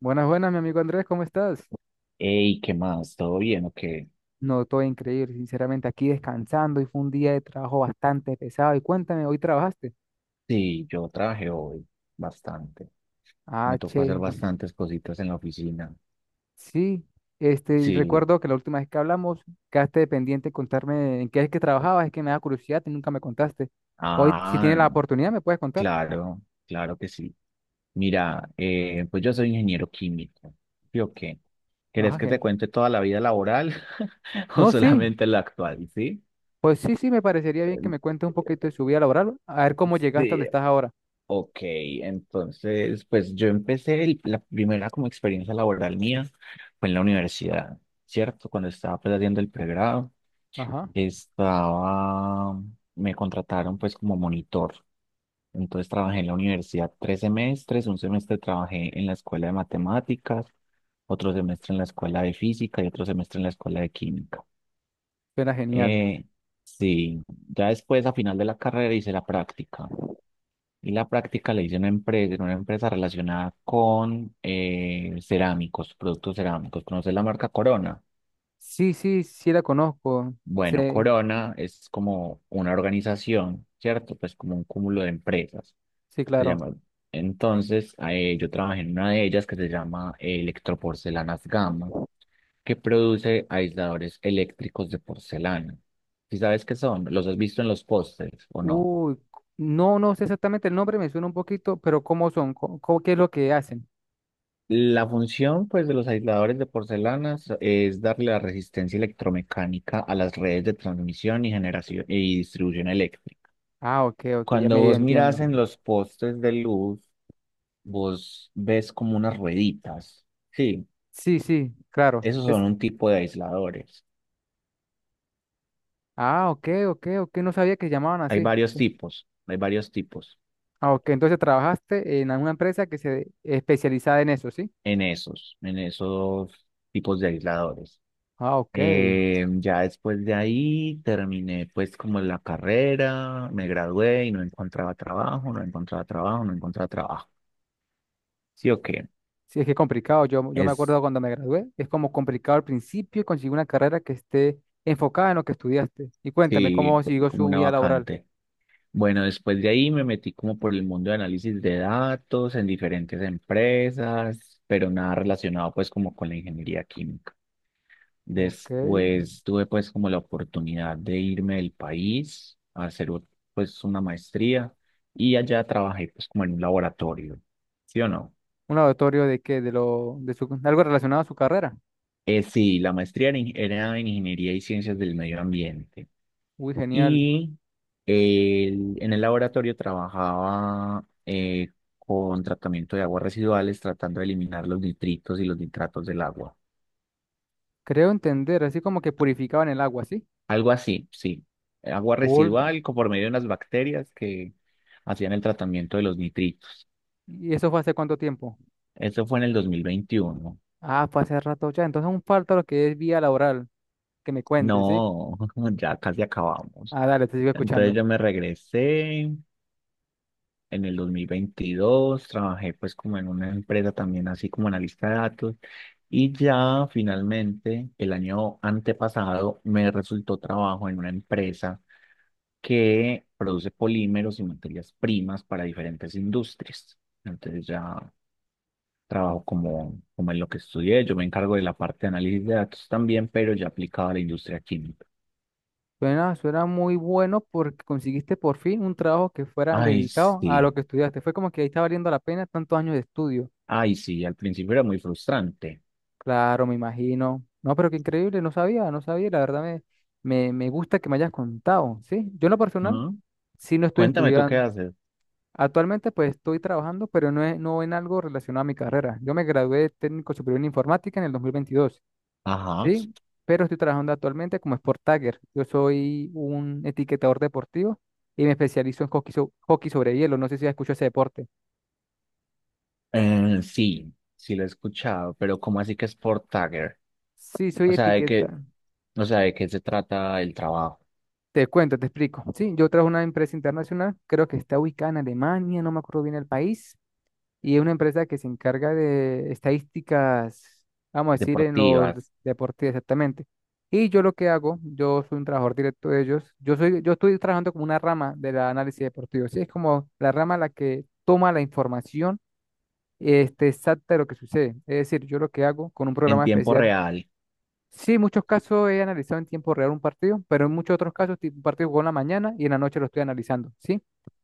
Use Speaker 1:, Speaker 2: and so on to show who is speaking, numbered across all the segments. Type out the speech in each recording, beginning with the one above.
Speaker 1: Buenas, buenas, mi amigo Andrés, ¿cómo estás?
Speaker 2: Ey, ¿qué más? ¿Todo bien o qué?
Speaker 1: No, todo increíble, sinceramente, aquí descansando y fue un día de trabajo bastante pesado. Y cuéntame, ¿hoy trabajaste?
Speaker 2: Sí, yo trabajé hoy bastante. Me
Speaker 1: Ah,
Speaker 2: tocó hacer
Speaker 1: che,
Speaker 2: bastantes cositas en la oficina.
Speaker 1: sí, este, y
Speaker 2: Sí.
Speaker 1: recuerdo que la última vez que hablamos quedaste de pendiente de contarme en qué es que trabajabas, es que me da curiosidad y nunca me contaste. Hoy, si
Speaker 2: Ah,
Speaker 1: tienes la
Speaker 2: no.
Speaker 1: oportunidad, ¿me puedes contar?
Speaker 2: Claro, claro que sí. Mira, pues yo soy ingeniero químico. ¿Sí o qué? ¿Querés
Speaker 1: Ajá,
Speaker 2: que te
Speaker 1: je.
Speaker 2: cuente toda la vida laboral o
Speaker 1: No, sí,
Speaker 2: solamente la actual? Sí.
Speaker 1: pues sí, sí, me parecería bien que me cuentes un poquito de su vida laboral, a ver cómo llegaste a donde
Speaker 2: Sí,
Speaker 1: estás ahora.
Speaker 2: ok, entonces, pues yo empecé, la primera como experiencia laboral mía fue en la universidad, ¿cierto? Cuando estaba pues haciendo el pregrado,
Speaker 1: Ajá,
Speaker 2: estaba, me contrataron pues como monitor. Entonces trabajé en la universidad 3 semestres, un semestre trabajé en la escuela de matemáticas, otro semestre en la escuela de física y otro semestre en la escuela de química.
Speaker 1: suena genial.
Speaker 2: Eh, sí, ya después a final de la carrera hice la práctica. Y la práctica la hice en una empresa relacionada con cerámicos, productos cerámicos. ¿Conoces la marca Corona?
Speaker 1: Sí, sí, sí la conozco, sí,
Speaker 2: Bueno, Corona es como una organización, ¿cierto? Pues como un cúmulo de empresas,
Speaker 1: sí,
Speaker 2: se
Speaker 1: claro.
Speaker 2: llama. Entonces, yo trabajé en una de ellas que se llama Electroporcelanas Gama, que produce aisladores eléctricos de porcelana. ¿Sí sabes qué son? ¿Los has visto en los pósters o no?
Speaker 1: Uy, no, no sé exactamente el nombre, me suena un poquito, pero ¿cómo son? ¿ qué es lo que hacen?
Speaker 2: La función, pues, de los aisladores de porcelanas es darle la resistencia electromecánica a las redes de transmisión y generación y distribución eléctrica.
Speaker 1: Ah, ok, ok, ya
Speaker 2: Cuando
Speaker 1: medio
Speaker 2: vos
Speaker 1: entiendo.
Speaker 2: mirás en los postes de luz, vos ves como unas rueditas. Sí,
Speaker 1: Sí, sí, claro.
Speaker 2: esos son un tipo de aisladores.
Speaker 1: Ah, ok, ok, ok, no sabía que llamaban
Speaker 2: Hay
Speaker 1: así.
Speaker 2: varios tipos, hay varios tipos
Speaker 1: Ah, ok, entonces trabajaste en alguna empresa que se especializaba en eso, ¿sí?
Speaker 2: en esos tipos de aisladores.
Speaker 1: Ah, ok.
Speaker 2: Ya después de ahí terminé pues como la carrera, me gradué y no encontraba trabajo, no encontraba trabajo, no encontraba trabajo. Sí o qué,
Speaker 1: Sí, es que es complicado. Yo me
Speaker 2: es
Speaker 1: acuerdo cuando me gradué, es como complicado al principio conseguir una carrera que esté enfocada en lo que estudiaste. Y cuéntame, ¿cómo
Speaker 2: sí,
Speaker 1: siguió
Speaker 2: como
Speaker 1: su
Speaker 2: una
Speaker 1: vida laboral?
Speaker 2: vacante. Bueno, después de ahí me metí como por el mundo de análisis de datos en diferentes empresas, pero nada relacionado pues como con la ingeniería química.
Speaker 1: Ok.
Speaker 2: Después tuve pues como la oportunidad de irme del país a hacer pues una maestría y allá trabajé pues como en un laboratorio, ¿sí o no?
Speaker 1: Un laboratorio de qué, de lo, de su, algo relacionado a su carrera.
Speaker 2: Sí, la maestría era, en era en Ingeniería y Ciencias del Medio Ambiente
Speaker 1: Uy, genial.
Speaker 2: y en el laboratorio trabajaba con tratamiento de aguas residuales tratando de eliminar los nitritos y los nitratos del agua.
Speaker 1: Creo entender, así como que purificaban el agua, ¿sí?
Speaker 2: Algo así, sí. Agua
Speaker 1: Cool.
Speaker 2: residual por medio de unas bacterias que hacían el tratamiento de los nitritos.
Speaker 1: ¿Y eso fue hace cuánto tiempo?
Speaker 2: Eso fue en el 2021.
Speaker 1: Ah, fue hace rato ya. Entonces aún falta lo que es vía laboral, que me cuentes, ¿sí?
Speaker 2: No, ya casi acabamos.
Speaker 1: Ah, dale, te sigo
Speaker 2: Entonces
Speaker 1: escuchando.
Speaker 2: yo me regresé en el 2022. Trabajé pues como en una empresa también así como analista de datos y ya finalmente el año antepasado me resultó trabajo en una empresa que produce polímeros y materias primas para diferentes industrias. Entonces ya trabajo como en lo que estudié, yo me encargo de la parte de análisis de datos también, pero ya aplicado a la industria química.
Speaker 1: Suena muy bueno porque conseguiste por fin un trabajo que fuera
Speaker 2: Ay,
Speaker 1: dedicado a lo
Speaker 2: sí,
Speaker 1: que estudiaste. Fue como que ahí está valiendo la pena tantos años de estudio.
Speaker 2: ay, sí, al principio era muy frustrante.
Speaker 1: Claro, me imagino. No, pero qué increíble, no sabía, no sabía. La verdad me gusta que me hayas contado, ¿sí? Yo en lo personal.
Speaker 2: ¿No?
Speaker 1: Sí, lo estoy
Speaker 2: Cuéntame tú qué
Speaker 1: estudiando.
Speaker 2: haces.
Speaker 1: Actualmente pues estoy trabajando, pero no, no en algo relacionado a mi carrera. Yo me gradué de técnico superior en informática en el 2022,
Speaker 2: Ajá.
Speaker 1: ¿sí? Pero estoy trabajando actualmente como Sport Tagger. Yo soy un etiquetador deportivo y me especializo en hockey, hockey sobre hielo. No sé si has escuchado ese deporte.
Speaker 2: Sí, sí lo he escuchado, pero ¿cómo así que es Sport Tagger?
Speaker 1: Sí,
Speaker 2: O
Speaker 1: soy
Speaker 2: sea, de qué,
Speaker 1: etiqueta.
Speaker 2: o sea, ¿de qué se trata el trabajo?
Speaker 1: Te cuento, te explico. Sí, yo trabajo en una empresa internacional, creo que está ubicada en Alemania, no me acuerdo bien el país, y es una empresa que se encarga de estadísticas, vamos a decir, en los
Speaker 2: Deportivas,
Speaker 1: deportes exactamente. Y yo lo que hago, yo soy un trabajador directo de ellos, yo estoy trabajando como una rama del análisis deportivo, sí, es como la rama la que toma la información este, exacta de lo que sucede. Es decir, yo lo que hago con un
Speaker 2: en
Speaker 1: programa
Speaker 2: tiempo
Speaker 1: especial,
Speaker 2: real.
Speaker 1: sí, en muchos casos he analizado en tiempo real un partido, pero en muchos otros casos, tipo, un partido jugó en la mañana y en la noche lo estoy analizando, ¿sí?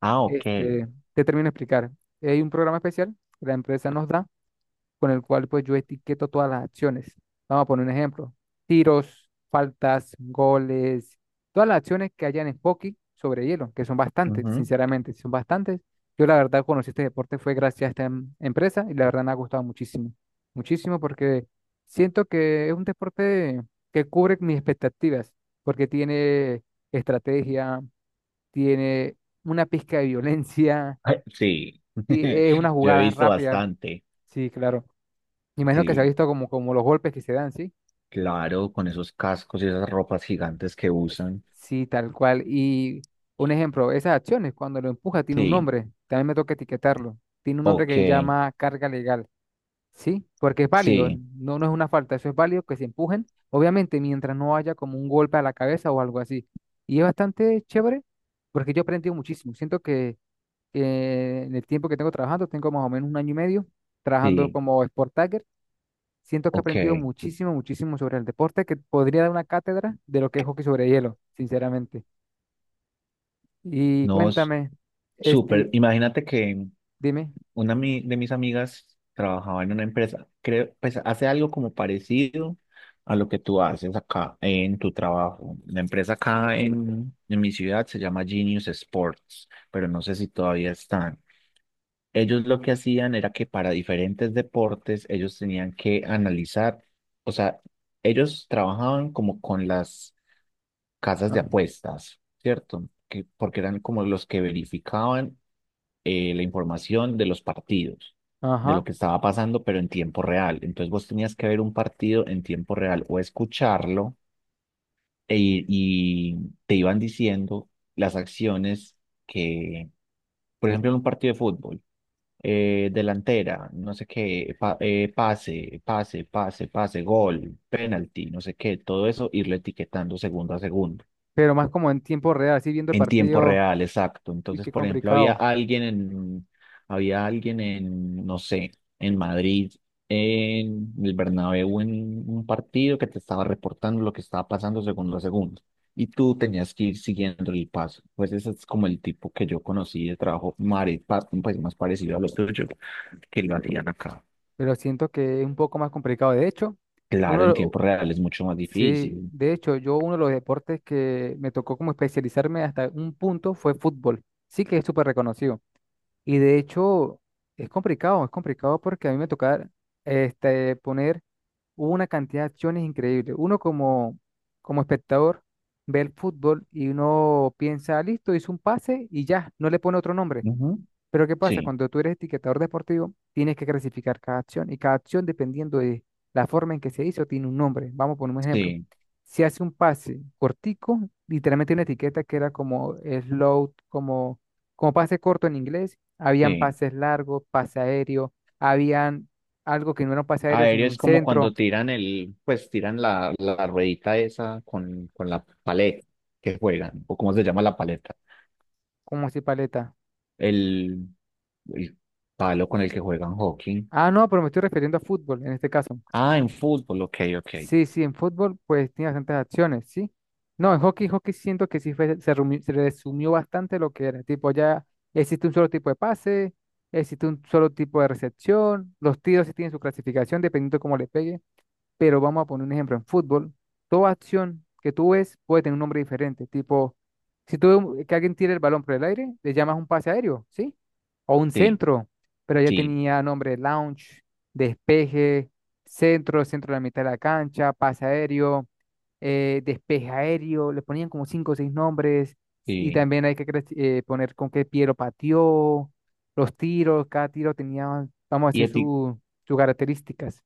Speaker 2: Ah, ok.
Speaker 1: Este, te termino de explicar. Hay un programa especial que la empresa nos da con el cual pues yo etiqueto todas las acciones. Vamos a poner un ejemplo. Tiros, faltas, goles, todas las acciones que hayan en hockey sobre hielo, que son bastantes,
Speaker 2: Ujú.
Speaker 1: sinceramente, son bastantes. Yo la verdad conocí este deporte fue gracias a esta empresa y la verdad me ha gustado muchísimo, muchísimo porque siento que es un deporte que cubre mis expectativas, porque tiene estrategia, tiene una pizca de violencia,
Speaker 2: Sí,
Speaker 1: es unas
Speaker 2: yo he
Speaker 1: jugadas
Speaker 2: visto
Speaker 1: rápidas.
Speaker 2: bastante.
Speaker 1: Sí, claro. Me imagino que se ha
Speaker 2: Sí,
Speaker 1: visto como los golpes que se dan, ¿sí?
Speaker 2: claro, con esos cascos y esas ropas gigantes que usan.
Speaker 1: Sí, tal cual. Y un ejemplo, esas acciones, cuando lo empuja, tiene un
Speaker 2: Sí,
Speaker 1: nombre. También me toca etiquetarlo. Tiene un nombre que se
Speaker 2: ok,
Speaker 1: llama carga legal, ¿sí? Porque es válido,
Speaker 2: sí,
Speaker 1: no, no es una falta, eso es válido que se empujen, obviamente, mientras no haya como un golpe a la cabeza o algo así. Y es bastante chévere porque yo he aprendido muchísimo. Siento que en el tiempo que tengo trabajando, tengo más o menos un año y medio trabajando
Speaker 2: sí,
Speaker 1: como Sport Tagger. Siento que he
Speaker 2: ok.
Speaker 1: aprendido muchísimo, muchísimo sobre el deporte, que podría dar una cátedra de lo que es hockey sobre hielo, sinceramente. Y
Speaker 2: No, es
Speaker 1: cuéntame,
Speaker 2: súper.
Speaker 1: este,
Speaker 2: Imagínate que
Speaker 1: dime.
Speaker 2: una de mis amigas trabajaba en una empresa, creo, pues hace algo como parecido a lo que tú haces acá en tu trabajo. La empresa acá en mi ciudad se llama Genius Sports, pero no sé si todavía están. Ellos lo que hacían era que para diferentes deportes ellos tenían que analizar, o sea, ellos trabajaban como con las casas de
Speaker 1: Ah,
Speaker 2: apuestas, ¿cierto? Que, porque eran como los que verificaban la información de los partidos, de lo
Speaker 1: ajá,
Speaker 2: que estaba pasando, pero en tiempo real. Entonces vos tenías que ver un partido en tiempo real o escucharlo y te iban diciendo las acciones que, por ejemplo, en un partido de fútbol delantera, no sé qué, pase, pase, pase, pase, gol, penalti, no sé qué, todo eso, irlo etiquetando segundo a segundo.
Speaker 1: pero más como en tiempo real, así viendo el
Speaker 2: En tiempo
Speaker 1: partido,
Speaker 2: real, exacto.
Speaker 1: uy,
Speaker 2: Entonces,
Speaker 1: qué
Speaker 2: por ejemplo,
Speaker 1: complicado,
Speaker 2: había alguien en, no sé, en Madrid, en el Bernabéu, en un partido que te estaba reportando lo que estaba pasando segundo a segundo. Y tú tenías que ir siguiendo el paso. Pues ese es como el tipo que yo conocí de trabajo pues más parecido a lo tuyo, que lo hacían acá.
Speaker 1: pero siento que es un poco más complicado. De hecho, uno,
Speaker 2: Claro,
Speaker 1: de
Speaker 2: en
Speaker 1: lo-
Speaker 2: tiempo real es mucho más
Speaker 1: sí,
Speaker 2: difícil.
Speaker 1: de hecho, yo uno de los deportes que me tocó como especializarme hasta un punto fue fútbol. Sí que es súper reconocido. Y de hecho, es complicado porque a mí me toca este, poner hubo una cantidad de acciones increíbles. Uno como, espectador ve el fútbol y uno piensa, listo, hizo un pase y ya, no le pone otro nombre.
Speaker 2: Ujú.
Speaker 1: Pero ¿qué pasa?
Speaker 2: Sí,
Speaker 1: Cuando tú eres etiquetador deportivo, tienes que clasificar cada acción y cada acción, dependiendo de la forma en que se hizo, tiene un nombre. Vamos a poner un ejemplo.
Speaker 2: sí,
Speaker 1: Si hace un pase cortico, literalmente una etiqueta que era como slow, como pase corto en inglés, habían
Speaker 2: sí.
Speaker 1: pases largos, pase aéreo, habían algo que no era un pase aéreo, sino
Speaker 2: Aéreo
Speaker 1: un
Speaker 2: es como cuando
Speaker 1: centro.
Speaker 2: tiran el, pues tiran la, la, ruedita esa con la paleta que juegan, o cómo se llama la paleta,
Speaker 1: ¿como así paleta?
Speaker 2: el, el palo con el que juegan hockey.
Speaker 1: Ah, no, pero me estoy refiriendo a fútbol en este caso.
Speaker 2: Ah, en fútbol, ok, ok.
Speaker 1: Sí, sí, en fútbol pues tiene bastantes acciones, ¿sí? No, en hockey, hockey siento que sí se resumió bastante lo que era. Tipo, ya existe un solo tipo de pase, existe un solo tipo de recepción, los tiros sí tienen su clasificación dependiendo de cómo le pegue. Pero vamos a poner un ejemplo, en fútbol, toda acción que tú ves puede tener un nombre diferente, tipo, si tú ves que alguien tira el balón por el aire, le llamas un pase aéreo, ¿sí? O un
Speaker 2: Sí,
Speaker 1: centro, pero ya
Speaker 2: sí,
Speaker 1: tenía nombre de launch, despeje, centro, centro de la mitad de la cancha, pase aéreo, despeje aéreo, le ponían como cinco o seis nombres, y
Speaker 2: sí.
Speaker 1: también hay que poner con qué pie lo pateó, los tiros, cada tiro tenía, vamos a
Speaker 2: ¿Y
Speaker 1: decir, sus características.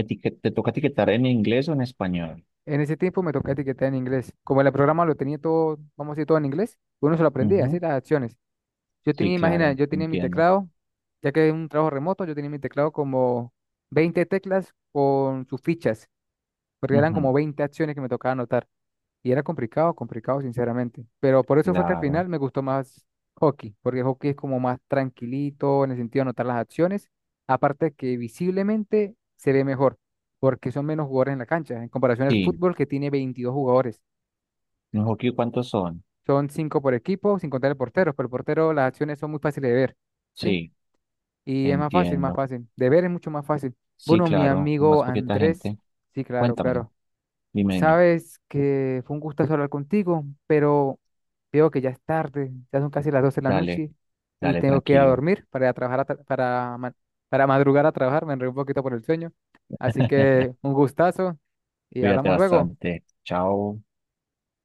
Speaker 2: te toca etiquetar en inglés o en español?
Speaker 1: En ese tiempo me tocaba etiquetar en inglés. Como el programa lo tenía todo, vamos a decir, todo en inglés, uno se lo aprendía, así
Speaker 2: Ujú.
Speaker 1: las acciones. Yo
Speaker 2: Sí,
Speaker 1: tenía, imagina,
Speaker 2: claro,
Speaker 1: yo tenía mi
Speaker 2: entiendo.
Speaker 1: teclado, ya que es un trabajo remoto, yo tenía mi teclado como 20 teclas con sus fichas, porque eran como
Speaker 2: Ujú.
Speaker 1: 20 acciones que me tocaba anotar. Y era complicado, complicado, sinceramente. Pero por eso fue que al final
Speaker 2: Claro.
Speaker 1: me gustó más hockey, porque hockey es como más tranquilito en el sentido de anotar las acciones. Aparte que visiblemente se ve mejor, porque son menos jugadores en la cancha, en comparación al
Speaker 2: Sí.
Speaker 1: fútbol que tiene 22 jugadores.
Speaker 2: ¿En hockey cuántos son?
Speaker 1: Son 5 por equipo, sin contar el portero, pero el portero las acciones son muy fáciles de ver, ¿sí?
Speaker 2: Sí,
Speaker 1: Y es más fácil, más
Speaker 2: entiendo.
Speaker 1: fácil. De ver es mucho más fácil.
Speaker 2: Sí,
Speaker 1: Bueno, mi
Speaker 2: claro,
Speaker 1: amigo
Speaker 2: más poquita
Speaker 1: Andrés,
Speaker 2: gente.
Speaker 1: sí, claro,
Speaker 2: Cuéntame,
Speaker 1: claro.
Speaker 2: dime, dime.
Speaker 1: Sabes que fue un gustazo hablar contigo, pero veo que ya es tarde, ya son casi las 12 de la
Speaker 2: Dale,
Speaker 1: noche y
Speaker 2: dale,
Speaker 1: tengo que ir a
Speaker 2: tranquilo.
Speaker 1: dormir para ir a trabajar a para madrugar a trabajar, me enredé un poquito por el sueño. Así que un gustazo y
Speaker 2: Cuídate
Speaker 1: hablamos luego.
Speaker 2: bastante. Chao.